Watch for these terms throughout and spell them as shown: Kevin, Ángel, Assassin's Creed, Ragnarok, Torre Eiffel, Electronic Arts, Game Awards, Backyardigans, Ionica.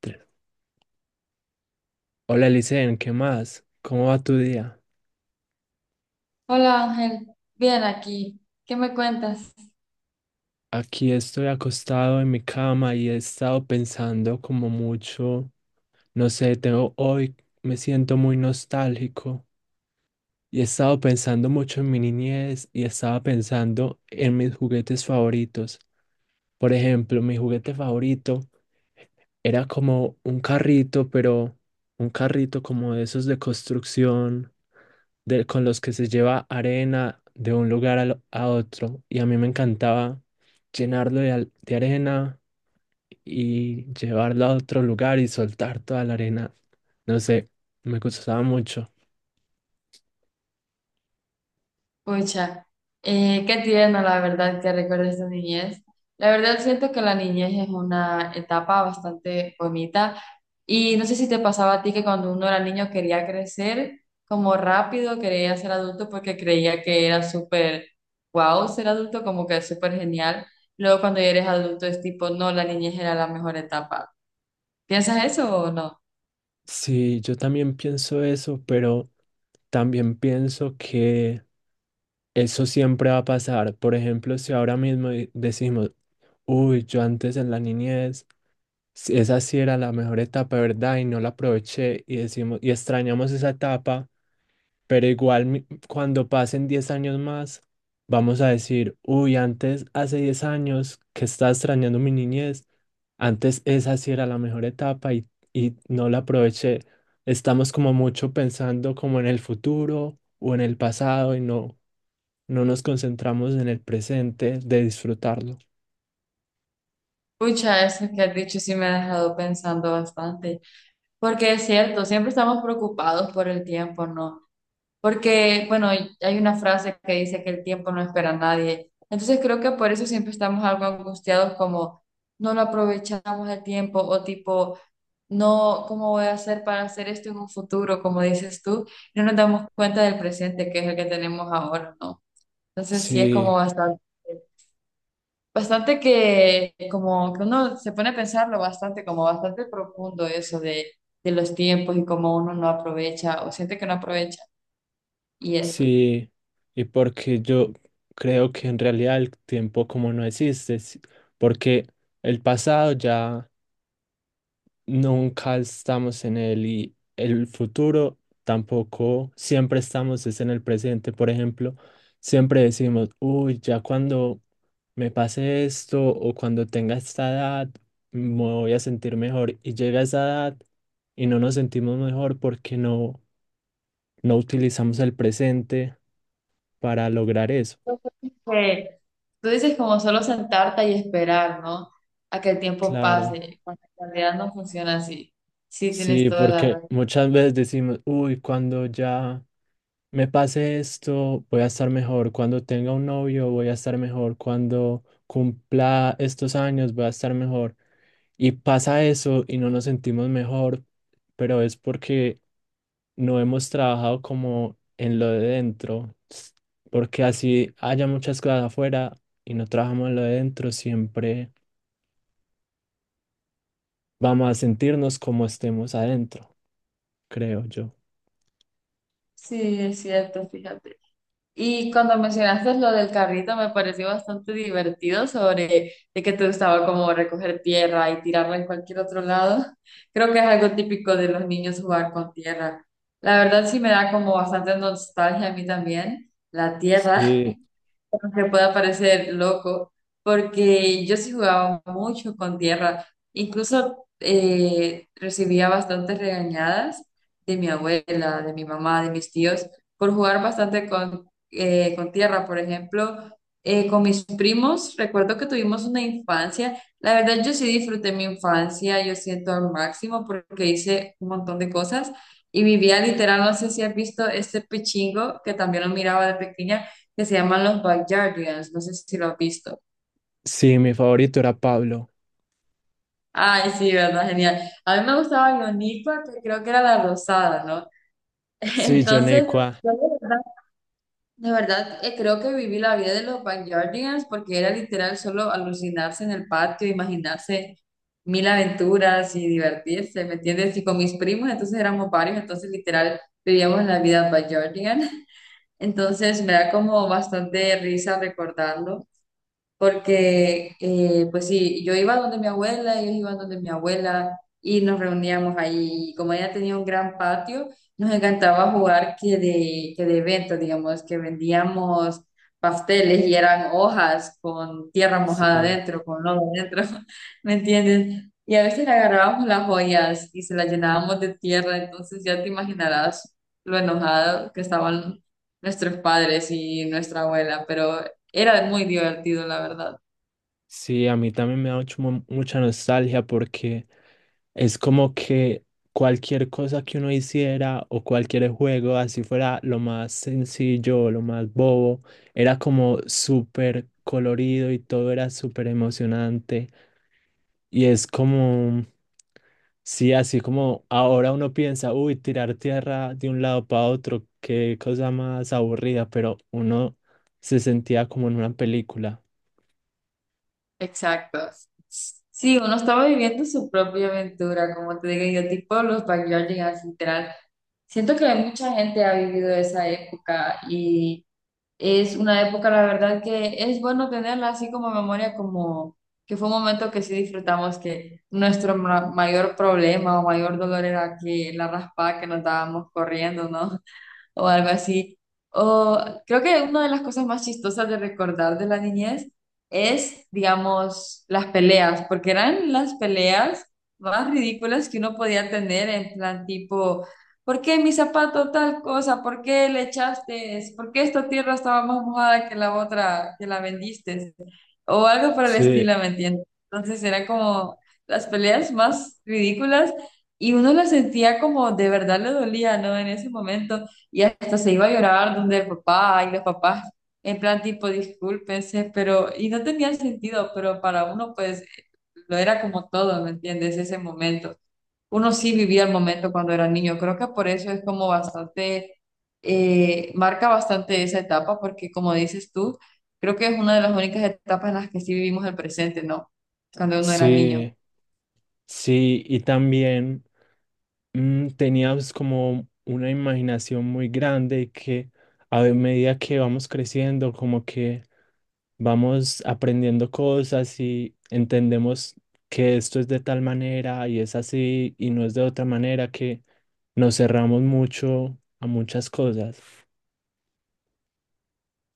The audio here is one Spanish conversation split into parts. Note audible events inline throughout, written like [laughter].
Tres. Hola, Licen, ¿qué más? ¿Cómo va tu día? Hola Ángel, bien aquí. ¿Qué me cuentas? Aquí estoy acostado en mi cama y he estado pensando como mucho, no sé, tengo hoy me siento muy nostálgico y he estado pensando mucho en mi niñez y estaba pensando en mis juguetes favoritos. Por ejemplo, mi juguete favorito era como un carrito, pero un carrito como de esos de construcción, de, con los que se lleva arena de un lugar a otro. Y a mí me encantaba llenarlo de, de arena y llevarlo a otro lugar y soltar toda la arena. No sé, me gustaba mucho. Pucha, qué tierno la verdad que recuerdes tu niñez. La verdad siento que la niñez es una etapa bastante bonita y no sé si te pasaba a ti que cuando uno era niño quería crecer como rápido, quería ser adulto porque creía que era súper wow ser adulto, como que súper genial. Luego cuando ya eres adulto es tipo, no, la niñez era la mejor etapa. ¿Piensas eso o no? Sí, yo también pienso eso, pero también pienso que eso siempre va a pasar. Por ejemplo, si ahora mismo decimos, uy, yo antes en la niñez sí, esa sí era la mejor etapa, ¿verdad? Y no la aproveché y decimos, y extrañamos esa etapa, pero igual cuando pasen 10 años más, vamos a decir, uy, antes, hace 10 años que estaba extrañando mi niñez, antes esa sí era la mejor etapa y no la aproveché. Estamos como mucho pensando como en el futuro o en el pasado y no nos concentramos en el presente de disfrutarlo. Pucha, eso que has dicho sí me ha dejado pensando bastante, porque es cierto, siempre estamos preocupados por el tiempo, ¿no? Porque, bueno, hay una frase que dice que el tiempo no espera a nadie, entonces creo que por eso siempre estamos algo angustiados como no lo aprovechamos el tiempo o tipo, no, ¿cómo voy a hacer para hacer esto en un futuro? Como dices tú, no nos damos cuenta del presente que es el que tenemos ahora, ¿no? Entonces sí es como Sí. bastante. Bastante que como que uno se pone a pensarlo bastante, como bastante profundo eso de los tiempos y cómo uno no aprovecha o siente que no aprovecha y eso. Sí, y porque yo creo que en realidad el tiempo como no existe, porque el pasado ya nunca estamos en él y el futuro tampoco, siempre estamos es en el presente. Por ejemplo, siempre decimos, uy, ya cuando me pase esto o cuando tenga esta edad, me voy a sentir mejor. Y llega esa edad y no nos sentimos mejor porque no utilizamos el presente para lograr eso. Que tú dices como solo sentarte y esperar, ¿no? A que el tiempo Claro, pase, cuando en realidad no funciona así. Sí, tienes sí, toda la porque razón. muchas veces decimos, uy, cuando ya me pase esto, voy a estar mejor, cuando tenga un novio, voy a estar mejor, cuando cumpla estos años, voy a estar mejor. Y pasa eso y no nos sentimos mejor, pero es porque no hemos trabajado como en lo de dentro, porque así haya muchas cosas afuera y no trabajamos en lo de dentro, siempre vamos a sentirnos como estemos adentro, creo yo. Sí, es cierto, fíjate. Y cuando mencionaste lo del carrito, me pareció bastante divertido sobre de que te gustaba como recoger tierra y tirarla en cualquier otro lado. [laughs] Creo que es algo típico de los niños jugar con tierra. La verdad sí me da como bastante nostalgia a mí también, la tierra Sí. que pueda parecer loco, porque yo sí jugaba mucho con tierra, incluso recibía bastantes regañadas de mi abuela, de mi mamá, de mis tíos, por jugar bastante con tierra, por ejemplo. Con mis primos, recuerdo que tuvimos una infancia. La verdad, yo sí disfruté mi infancia, yo siento al máximo porque hice un montón de cosas y vivía literal, no sé si has visto este pichingo que también lo miraba de pequeña, que se llaman los Backyardigans, no sé si lo has visto. Sí, mi favorito era Pablo. Ay, sí, verdad, genial. A mí me gustaba Ionica, que creo que era la rosada, ¿no? [laughs] Sí, Entonces, Jonecua. yo de verdad, creo que viví la vida de los Backyardigans porque era literal solo alucinarse en el patio, imaginarse mil aventuras y divertirse, ¿me entiendes? Y con mis primos, entonces éramos varios, entonces literal vivíamos la vida Backyardigan. [laughs] Entonces me da como bastante risa recordarlo. Porque pues sí, yo iba donde mi abuela, ellos iban donde mi abuela y nos reuníamos ahí. Y como ella tenía un gran patio, nos encantaba jugar que de eventos, digamos, que vendíamos pasteles y eran hojas con tierra mojada Sí, adentro, con lodo adentro, [laughs] ¿me entiendes? Y a veces le agarrábamos las joyas y se las llenábamos de tierra, entonces ya te imaginarás lo enojado que estaban nuestros padres y nuestra abuela, pero era muy divertido, la verdad. sí, a mí también me da mucha nostalgia porque es como que cualquier cosa que uno hiciera o cualquier juego, así fuera lo más sencillo o lo más bobo, era como súper colorido y todo era súper emocionante. Y es como, sí, así como ahora uno piensa, uy, tirar tierra de un lado para otro, qué cosa más aburrida, pero uno se sentía como en una película. Exacto. Sí, uno estaba viviendo su propia aventura, como te digo yo, tipo los Backyardigans, literal. Siento que mucha gente ha vivido esa época y es una época, la verdad, que es bueno tenerla así como memoria, como que fue un momento que sí disfrutamos, que nuestro mayor problema o mayor dolor era que la raspada que nos dábamos corriendo, ¿no? O algo así. O creo que una de las cosas más chistosas de recordar de la niñez es, digamos, las peleas, porque eran las peleas más ridículas que uno podía tener en plan tipo, ¿por qué mi zapato tal cosa? ¿Por qué le echaste? ¿Por qué esta tierra estaba más mojada que la otra que la vendiste? O algo por el Sí. estilo, ¿me entiendes? Entonces era como las peleas más ridículas y uno las sentía como de verdad le dolía, ¿no? En ese momento. Y hasta se iba a llorar donde el papá y los papás, en plan tipo, discúlpense, pero, y no tenía sentido, pero para uno pues lo era como todo, ¿me entiendes? Ese momento. Uno sí vivía el momento cuando era niño, creo que por eso es como bastante, marca bastante esa etapa, porque como dices tú, creo que es una de las únicas etapas en las que sí vivimos el presente, ¿no? Cuando uno era niño. Sí, sí, y también, tenía pues, como una imaginación muy grande y que a medida que vamos creciendo, como que vamos aprendiendo cosas y entendemos que esto es de tal manera y es así y no es de otra manera, que nos cerramos mucho a muchas cosas.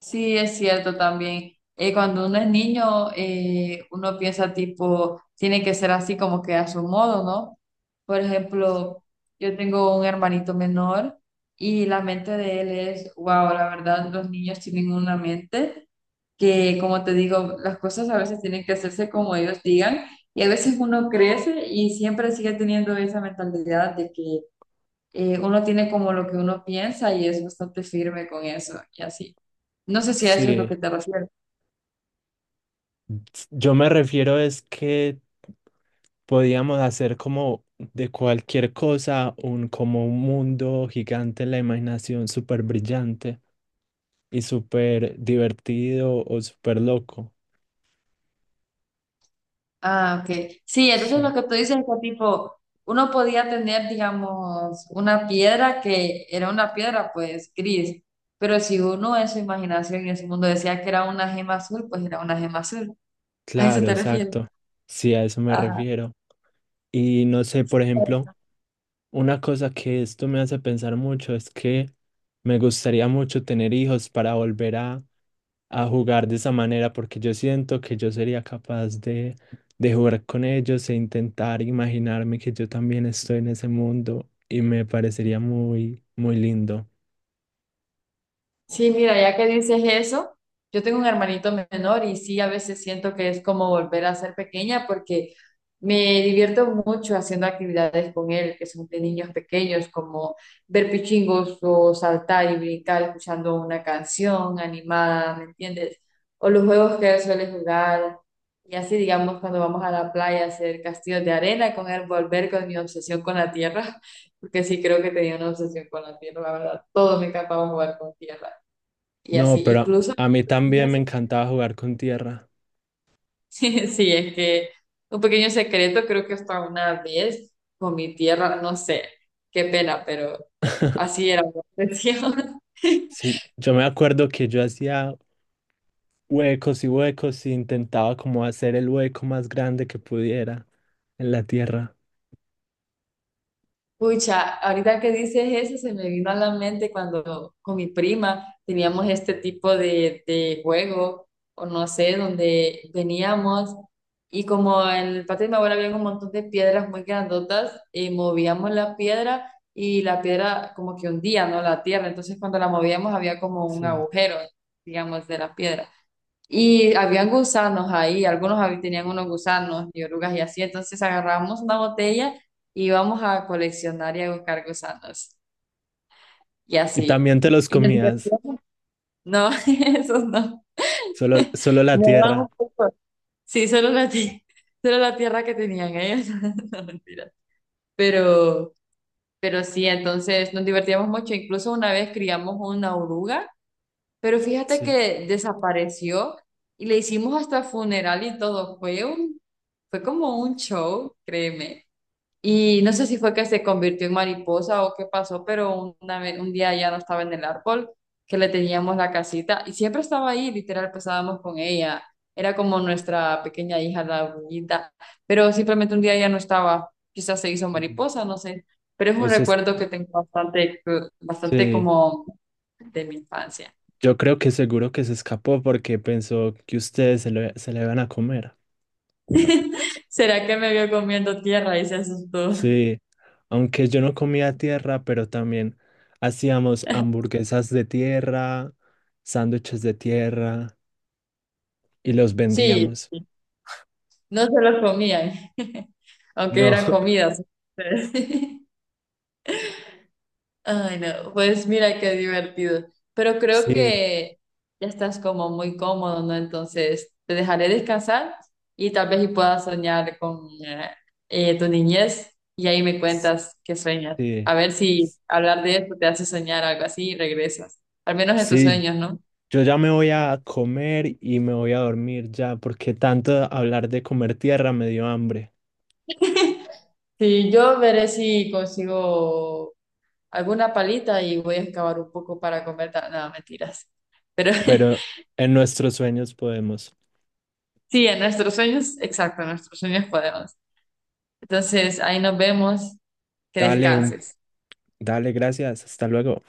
Sí, es cierto también. Cuando uno es niño, uno piensa tipo, tiene que ser así como que a su modo, ¿no? Por ejemplo, yo tengo un hermanito menor y la mente de él es, wow, la verdad, los niños tienen una mente que, como te digo, las cosas a veces tienen que hacerse como ellos digan y a veces uno crece y siempre sigue teniendo esa mentalidad de que uno tiene como lo que uno piensa y es bastante firme con eso y así. No sé si a eso es lo Sí. que te refieres. Yo me refiero es que podíamos hacer como de cualquier cosa un como un mundo gigante en la imaginación súper brillante y súper divertido o súper loco. Ah, ok. Sí, entonces Sí. lo que tú dices es que tipo, uno podía tener, digamos, una piedra que era una piedra, pues, gris, pero si uno en su imaginación y en su mundo decía que era una gema azul, pues era una gema azul. ¿A eso Claro, te refieres? exacto. Sí, a eso me Ajá. refiero. Y no sé, por ejemplo, una cosa que esto me hace pensar mucho es que me gustaría mucho tener hijos para volver a jugar de esa manera porque yo siento que yo sería capaz de jugar con ellos e intentar imaginarme que yo también estoy en ese mundo y me parecería muy, muy lindo. Sí, mira, ya que dices eso, yo tengo un hermanito menor y sí, a veces siento que es como volver a ser pequeña porque me divierto mucho haciendo actividades con él, que son de niños pequeños, como ver pichingos o saltar y brincar escuchando una canción animada, ¿me entiendes? O los juegos que él suele jugar. Y así, digamos, cuando vamos a la playa a hacer castillos de arena con él, volver con mi obsesión con la tierra, [laughs] porque sí creo que tenía una obsesión con la tierra, la verdad. Todo me encantaba jugar con tierra. Y así, No, pero incluso, a mí también me [laughs] encantaba jugar con tierra. sí, sí, es que un pequeño secreto, creo que hasta una vez con mi tierra, no sé, qué pena, pero así [laughs] era la cuestión. [laughs] Sí, yo me acuerdo que yo hacía huecos y huecos y intentaba como hacer el hueco más grande que pudiera en la tierra. Pucha, ahorita que dices eso, se me vino a la mente cuando con mi prima teníamos este tipo de juego, o no sé, donde veníamos y como en el patio de mi abuela había un montón de piedras muy grandotas, movíamos la piedra y la piedra como que hundía, ¿no? La tierra, entonces cuando la movíamos había como un Sí. agujero, digamos, de la piedra. Y habían gusanos ahí, algunos tenían unos gusanos y orugas y así, entonces agarramos una botella y íbamos a coleccionar y a buscar gusanos y Y así. también te los Y nos comías, divertíamos. No, [laughs] esos no. Solo la Me daban tierra. un poco. Sí, solo la tierra que tenían ellos. [laughs] No, mentira. Pero, pero sí, entonces nos divertíamos mucho. Incluso una vez criamos una oruga. Pero fíjate Sí. que desapareció y le hicimos hasta funeral y todo. Fue como un show, créeme. Y no sé si fue que se convirtió en mariposa o qué pasó, pero una vez, un día ya no estaba en el árbol, que le teníamos la casita y siempre estaba ahí, literal, pasábamos con ella. Era como nuestra pequeña hija, la bonita, pero simplemente un día ya no estaba. Quizás se hizo mariposa, no sé. Pero es O un sea, recuerdo que tengo bastante, bastante sí, como de mi infancia. yo creo que seguro que se escapó porque pensó que ustedes se la iban a comer. [laughs] ¿Será que me vio comiendo tierra y se asustó? Sí, aunque yo no comía tierra, pero también hacíamos hamburguesas de tierra, sándwiches de tierra y los Sí, vendíamos. no se lo comían, [laughs] aunque No. eran [laughs] comidas. [laughs] Ay, no, pues mira qué divertido. Pero creo Sí, que ya estás como muy cómodo, ¿no? Entonces te dejaré descansar y tal vez y puedas soñar con tu niñez y ahí me cuentas qué sueñas. sí, A ver si hablar de esto te hace soñar algo así y regresas. Al menos en tus sí, sueños, ¿no? yo ya me voy a comer y me voy a dormir ya porque tanto hablar de comer tierra me dio hambre, Sí, yo veré si consigo alguna palita y voy a excavar un poco para comer. No, mentiras. Pero pero [laughs] en nuestros sueños podemos. sí, en nuestros sueños, exacto, en nuestros sueños podemos. Entonces, ahí nos vemos. Que Dale un descanses. Dale, gracias. Hasta luego.